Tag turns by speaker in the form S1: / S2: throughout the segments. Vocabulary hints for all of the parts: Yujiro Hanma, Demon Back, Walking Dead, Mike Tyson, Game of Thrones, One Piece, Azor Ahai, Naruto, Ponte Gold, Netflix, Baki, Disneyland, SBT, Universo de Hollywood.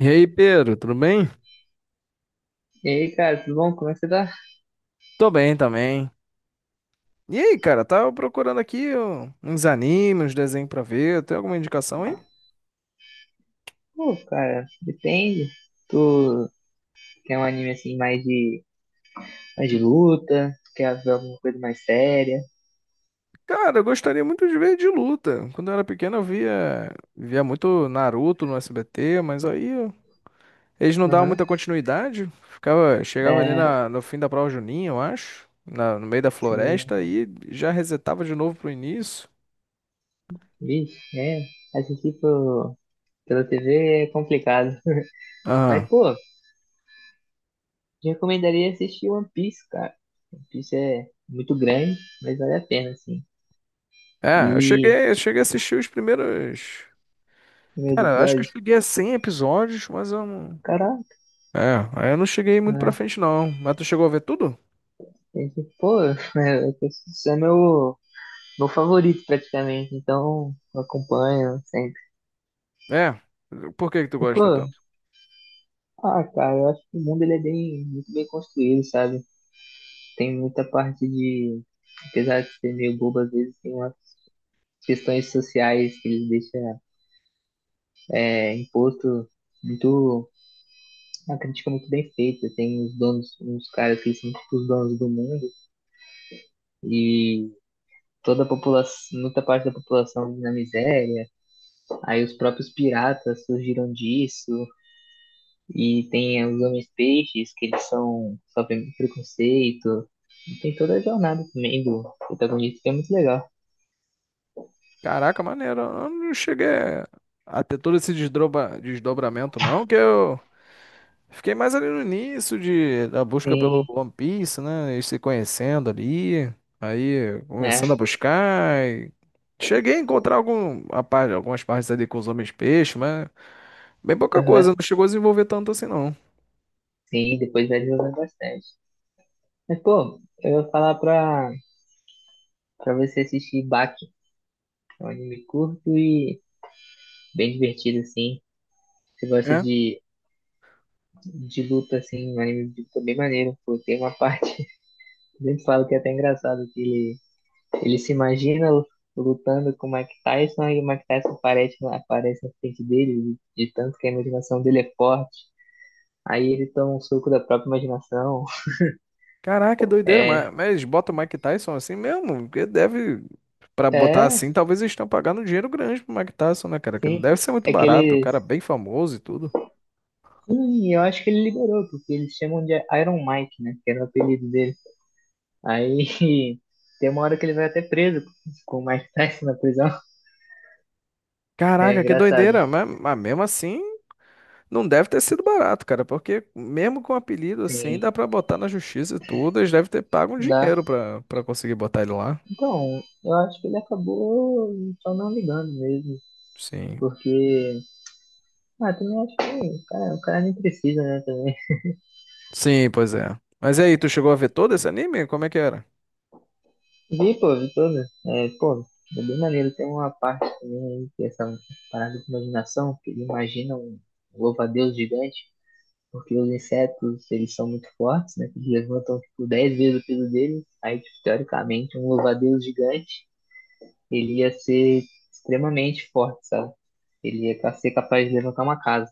S1: E aí, Pedro, tudo bem?
S2: E aí, cara, tudo bom? Como é que você tá?
S1: Tô bem também. E aí, cara, tava procurando aqui ó, uns animes, uns desenhos pra ver. Tem alguma indicação aí?
S2: Pô, cara, depende. Tu quer um anime assim mais de luta? Tu quer ver alguma coisa mais séria?
S1: Cara, eu gostaria muito de ver de luta. Quando eu era pequeno, eu via muito Naruto no SBT, mas aí ó, eles não davam
S2: Aham.
S1: muita continuidade. Ficava, chegava ali no fim da prova juninha, eu acho, no meio da
S2: Sim.
S1: floresta, e já resetava de novo pro início.
S2: Vixe, é. Assistir pela TV é complicado.
S1: Aham.
S2: Mas, pô, te recomendaria assistir One Piece, cara. One Piece é muito grande, mas vale a pena, assim.
S1: É, eu
S2: E
S1: cheguei, eu cheguei a assistir os primeiros.
S2: primeiros
S1: Cara, acho que eu
S2: episódios,
S1: cheguei a 100 episódios, mas eu não.
S2: caraca,
S1: É, aí eu não cheguei muito pra
S2: né?
S1: frente, não. Mas tu chegou a ver tudo?
S2: Esse, pô, é, esse é meu favorito praticamente, então eu acompanho sempre.
S1: É. Por que que tu
S2: Mas, pô,
S1: gosta tanto?
S2: ah, cara, eu acho que o mundo ele é bem, muito bem construído, sabe? Tem muita parte de, apesar de ser meio bobo às vezes, tem umas questões sociais que eles deixam é, imposto muito, uma crítica muito bem feita. Tem os donos, uns caras que são tipo os donos do mundo e toda a população, muita parte da população na miséria. Aí os próprios piratas surgiram disso. E tem os homens peixes, que eles são sofrem preconceito. E tem toda a jornada também do protagonista, que é muito legal.
S1: Caraca, maneiro. Eu não cheguei a ter todo esse desdobramento, não, que eu fiquei mais ali no início da busca pelo
S2: Sim,
S1: One Piece, né? Eles se conhecendo ali. Aí
S2: é.
S1: começando a buscar. E cheguei a encontrar algumas partes ali com os homens peixe, mas bem pouca coisa.
S2: Aham,
S1: Não chegou a desenvolver tanto assim, não.
S2: sim, depois vai desenvolver bastante. Mas, pô, eu ia pra você assistir Baki, que é um anime curto e bem divertido, assim. Você gosta
S1: É.
S2: de luta, assim, um anime de luta bem maneiro, pô. Tem uma parte, eu sempre falo que é até engraçado, que ele Ele se imagina lutando com o Mike Tyson e o Mike Tyson aparece na frente dele, de tanto que a imaginação dele é forte. Aí ele toma um suco da própria imaginação.
S1: Caraca, doideira,
S2: É,
S1: mas, bota o Mike Tyson assim mesmo? Porque deve, pra botar
S2: é,
S1: assim, talvez eles estão pagando um dinheiro grande pro Mike Tyson, né, cara? Que não
S2: sim.
S1: deve ser muito
S2: É que
S1: barato, o
S2: ele.
S1: cara é bem famoso e tudo.
S2: Sim, eu acho que ele liberou, porque eles chamam de Iron Mike, né? Que era o apelido dele. Aí tem uma hora que ele vai até preso com o Mike Tyson na prisão. É
S1: Caraca, que
S2: engraçado.
S1: doideira, mas mesmo assim, não deve ter sido barato, cara, porque mesmo com apelido assim,
S2: Sim,
S1: dá pra botar na justiça e tudo, eles devem ter pago um
S2: dá.
S1: dinheiro pra conseguir botar ele lá.
S2: Então, eu acho que ele acabou só não ligando mesmo,
S1: Sim,
S2: porque ah, também acho que, cara, o cara nem precisa, né, também.
S1: sim, pois é. Mas e aí, tu chegou a ver todo esse anime? Como é que era?
S2: Vi, pô, vi todo. É, pô, é bem maneiro. Tem uma parte também aí, que é essa parada de imaginação, que ele imagina um louva-a-Deus gigante, porque os insetos, eles são muito fortes, né, que eles levantam, tipo, 10 vezes o peso deles. Aí, tipo, teoricamente, um louva-a-Deus gigante, ele ia ser extremamente forte, sabe? Ele ia ser capaz de levantar uma casa.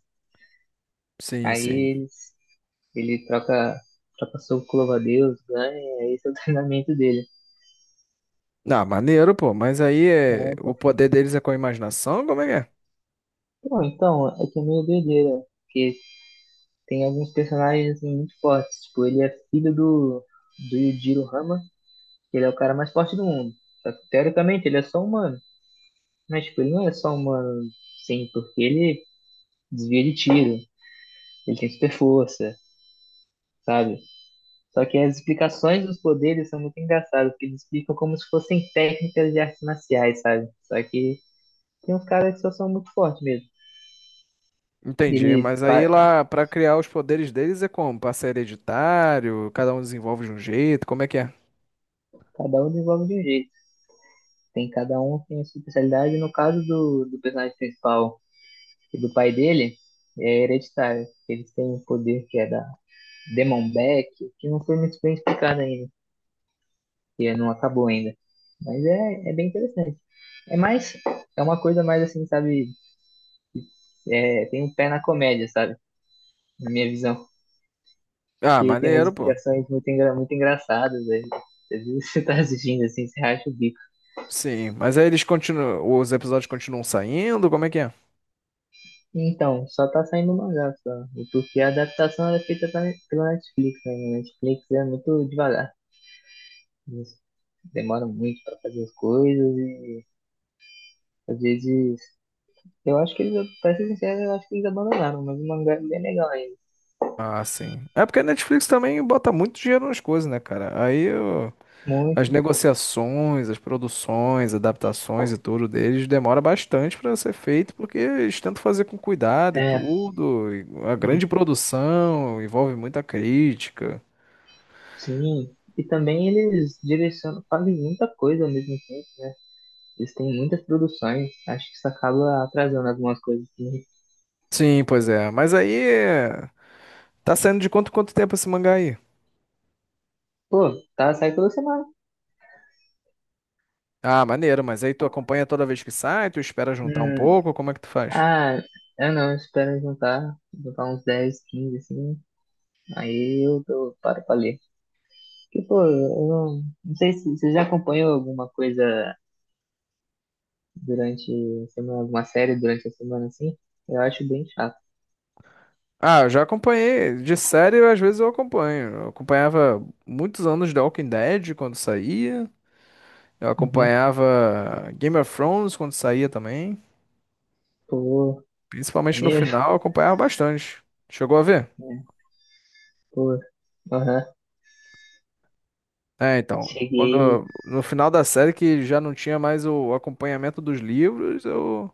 S1: Sim, sim.
S2: Aí eles ele troca, troca soco com o louva-a-Deus, ganha, aí esse é o treinamento dele.
S1: Ah, maneiro, pô. Mas aí
S2: É,
S1: o
S2: então.
S1: poder deles é com a imaginação? Como é que é?
S2: Pô, então, é que é meio doideira. Porque tem alguns personagens assim, muito fortes. Tipo, ele é filho do Yujiro Hama, que ele é o cara mais forte do mundo. Só que, teoricamente, ele é só humano. Mas, tipo, ele não é só humano, sim, porque ele desvia de tiro, ele tem super força, sabe? Só que as explicações dos poderes são muito engraçadas, porque eles explicam como se fossem técnicas de artes marciais, sabe? Só que tem uns caras que só são muito fortes mesmo.
S1: Entendi.
S2: Ele,
S1: Mas
S2: pa-
S1: aí lá, pra criar os poderes deles é como? Passa hereditário? Cada um desenvolve de um jeito? Como é que é?
S2: Cada um desenvolve de um jeito. Tem cada um tem a sua especialidade. No caso do personagem principal e do pai dele, é hereditário. Eles têm um poder que é da Demon Back, que não foi muito bem explicado ainda, que é, não acabou ainda. Mas é, é bem interessante. É mais, é uma coisa mais assim, sabe? É, tem um pé na comédia, sabe? Na minha visão.
S1: Ah,
S2: Porque tem umas
S1: maneiro, pô.
S2: explicações muito engraçadas. Né? Às vezes você tá assistindo assim, você racha o bico.
S1: Sim. Mas aí eles continuam. Os episódios continuam saindo? Como é que é?
S2: Então, só tá saindo mangá só. E porque a adaptação era feita pela Netflix, né? E a Netflix é muito devagar. Eles demoram muito pra fazer as coisas e às vezes. Eu acho que eles, pra ser sincero, eu acho que eles abandonaram, mas o mangá é bem legal ainda.
S1: Ah, sim. É porque a Netflix também bota muito dinheiro nas coisas, né, cara? Aí eu. As
S2: Muito,
S1: negociações, as produções, adaptações e tudo deles demora bastante para ser feito, porque eles tentam fazer com cuidado e
S2: é,
S1: tudo. E a grande
S2: muito bom.
S1: produção envolve muita crítica.
S2: Sim. E também eles direcionam, fazem muita coisa ao mesmo tempo. Eles têm muitas produções. Acho que isso acaba atrasando algumas coisas. Também.
S1: Sim, pois é. Mas aí é, tá saindo de quanto tempo esse mangá aí?
S2: Pô, tá sai toda semana.
S1: Ah, maneiro, mas aí tu acompanha toda vez que sai, tu espera juntar um
S2: Hum,
S1: pouco, como é que tu faz?
S2: Ah, eu não, eu espero juntar uns 10 15 assim, paro pra ler. Porque, pô, eu não, não sei se você já acompanhou alguma coisa durante a semana, alguma série durante a semana, assim, eu acho bem chato.
S1: Ah, eu já acompanhei. De série, às vezes eu acompanho. Eu acompanhava muitos anos de Walking Dead quando saía. Eu
S2: Uhum.
S1: acompanhava Game of Thrones quando saía também.
S2: Pô,
S1: Principalmente no
S2: maneiro,
S1: final, eu acompanhava bastante. Chegou a ver?
S2: né? Pô, aham,
S1: É, então.
S2: cheguei,
S1: Quando, no final da série, que já não tinha mais o acompanhamento dos livros, eu.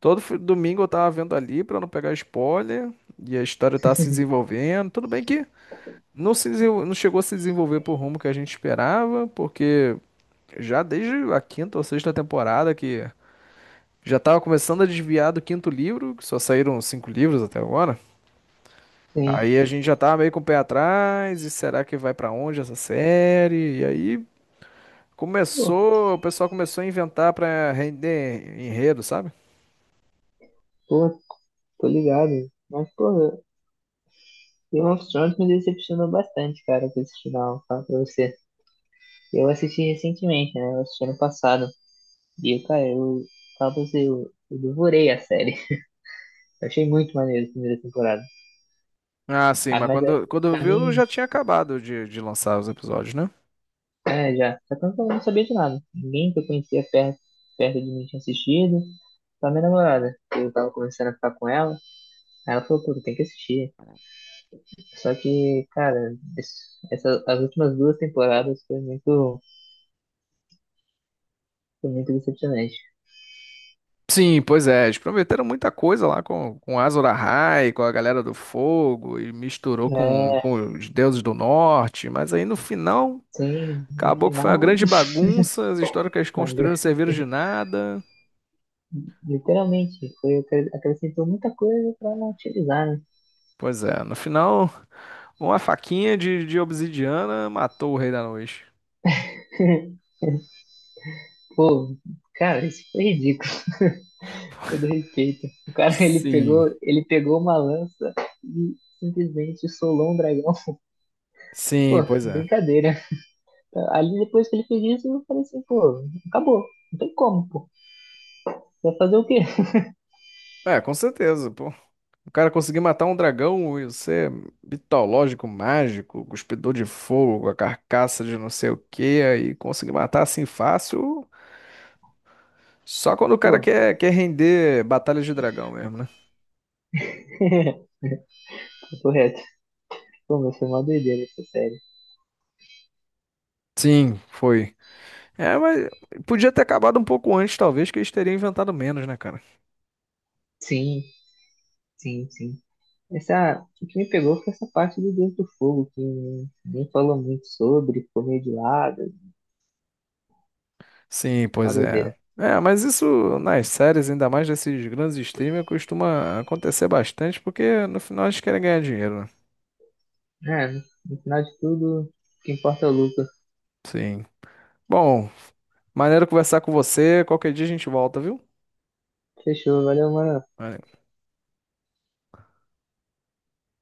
S1: Todo domingo eu tava vendo ali pra não pegar spoiler. E a história tá se desenvolvendo. Tudo bem que não, se desenvol- não chegou a se desenvolver pro rumo que a gente esperava, porque já desde a quinta ou sexta temporada que já tava começando a desviar do quinto livro, que só saíram cinco livros até agora.
S2: sim,
S1: Aí a gente já tava meio com o pé atrás, e será que vai pra onde essa série? E aí
S2: pô,
S1: o pessoal começou a inventar pra render enredo, sabe?
S2: pô, tô ligado. Mas, pô, Game of Thrones me decepcionou bastante, cara, com esse final, falo pra você. Eu assisti recentemente, né, eu assisti ano passado. E, cara, eu falo pra você, eu devorei a série. Eu achei muito maneiro a primeira temporada.
S1: Ah, sim,
S2: Ah,
S1: mas
S2: mas é,
S1: quando
S2: pra
S1: viu
S2: mim,
S1: já tinha acabado de lançar os episódios, né?
S2: é, já. Só que eu não sabia de nada. Ninguém que eu conhecia perto, perto de mim tinha assistido. Só minha namorada. Eu tava começando a ficar com ela. Aí ela falou, pô, tu tem que assistir. Só que, cara, as últimas duas temporadas foi muito decepcionante.
S1: Sim, pois é, eles prometeram muita coisa lá com, Azor Ahai, com a galera do fogo, e misturou com,
S2: É,
S1: com os deuses do norte, mas aí no final
S2: sim, no
S1: acabou que foi uma
S2: final,
S1: grande bagunça, as histórias que eles
S2: mas,
S1: construíram não serviram de nada.
S2: literalmente, acrescentou muita coisa pra não utilizar, né?
S1: Pois é, no final, uma faquinha de obsidiana matou o Rei da Noite.
S2: Pô, cara, isso foi ridículo, com todo respeito. O cara,
S1: Sim,
S2: ele pegou uma lança e simplesmente solou um dragão. Pô,
S1: sim, pois é.
S2: brincadeira. Ali depois que ele fez isso, eu falei assim, pô, acabou. Não tem como, pô. Vai fazer o quê?
S1: É, com certeza, pô. O cara conseguir matar um dragão e ser mitológico, mágico, cuspidor de fogo, a carcaça de não sei o quê, aí conseguir matar assim fácil, só quando o cara
S2: Pô,
S1: quer, render batalhas de dragão mesmo, né?
S2: correto. Pô, mas foi uma doideira essa série.
S1: Sim, foi. É, mas podia ter acabado um pouco antes, talvez, que eles teriam inventado menos, né, cara?
S2: Sim, sim, sim. Essa, o que me pegou foi essa parte do Deus do Fogo, que nem falou muito sobre, ficou meio de lado,
S1: Sim,
S2: uma
S1: pois é.
S2: doideira.
S1: É, mas isso nas séries, ainda mais desses grandes streamers, costuma acontecer bastante, porque no final eles querem ganhar dinheiro, né?
S2: É, no final de tudo, o que importa é o lucro.
S1: Sim. Bom, maneiro conversar com você. Qualquer dia a gente volta, viu?
S2: Fechou, valeu, mano.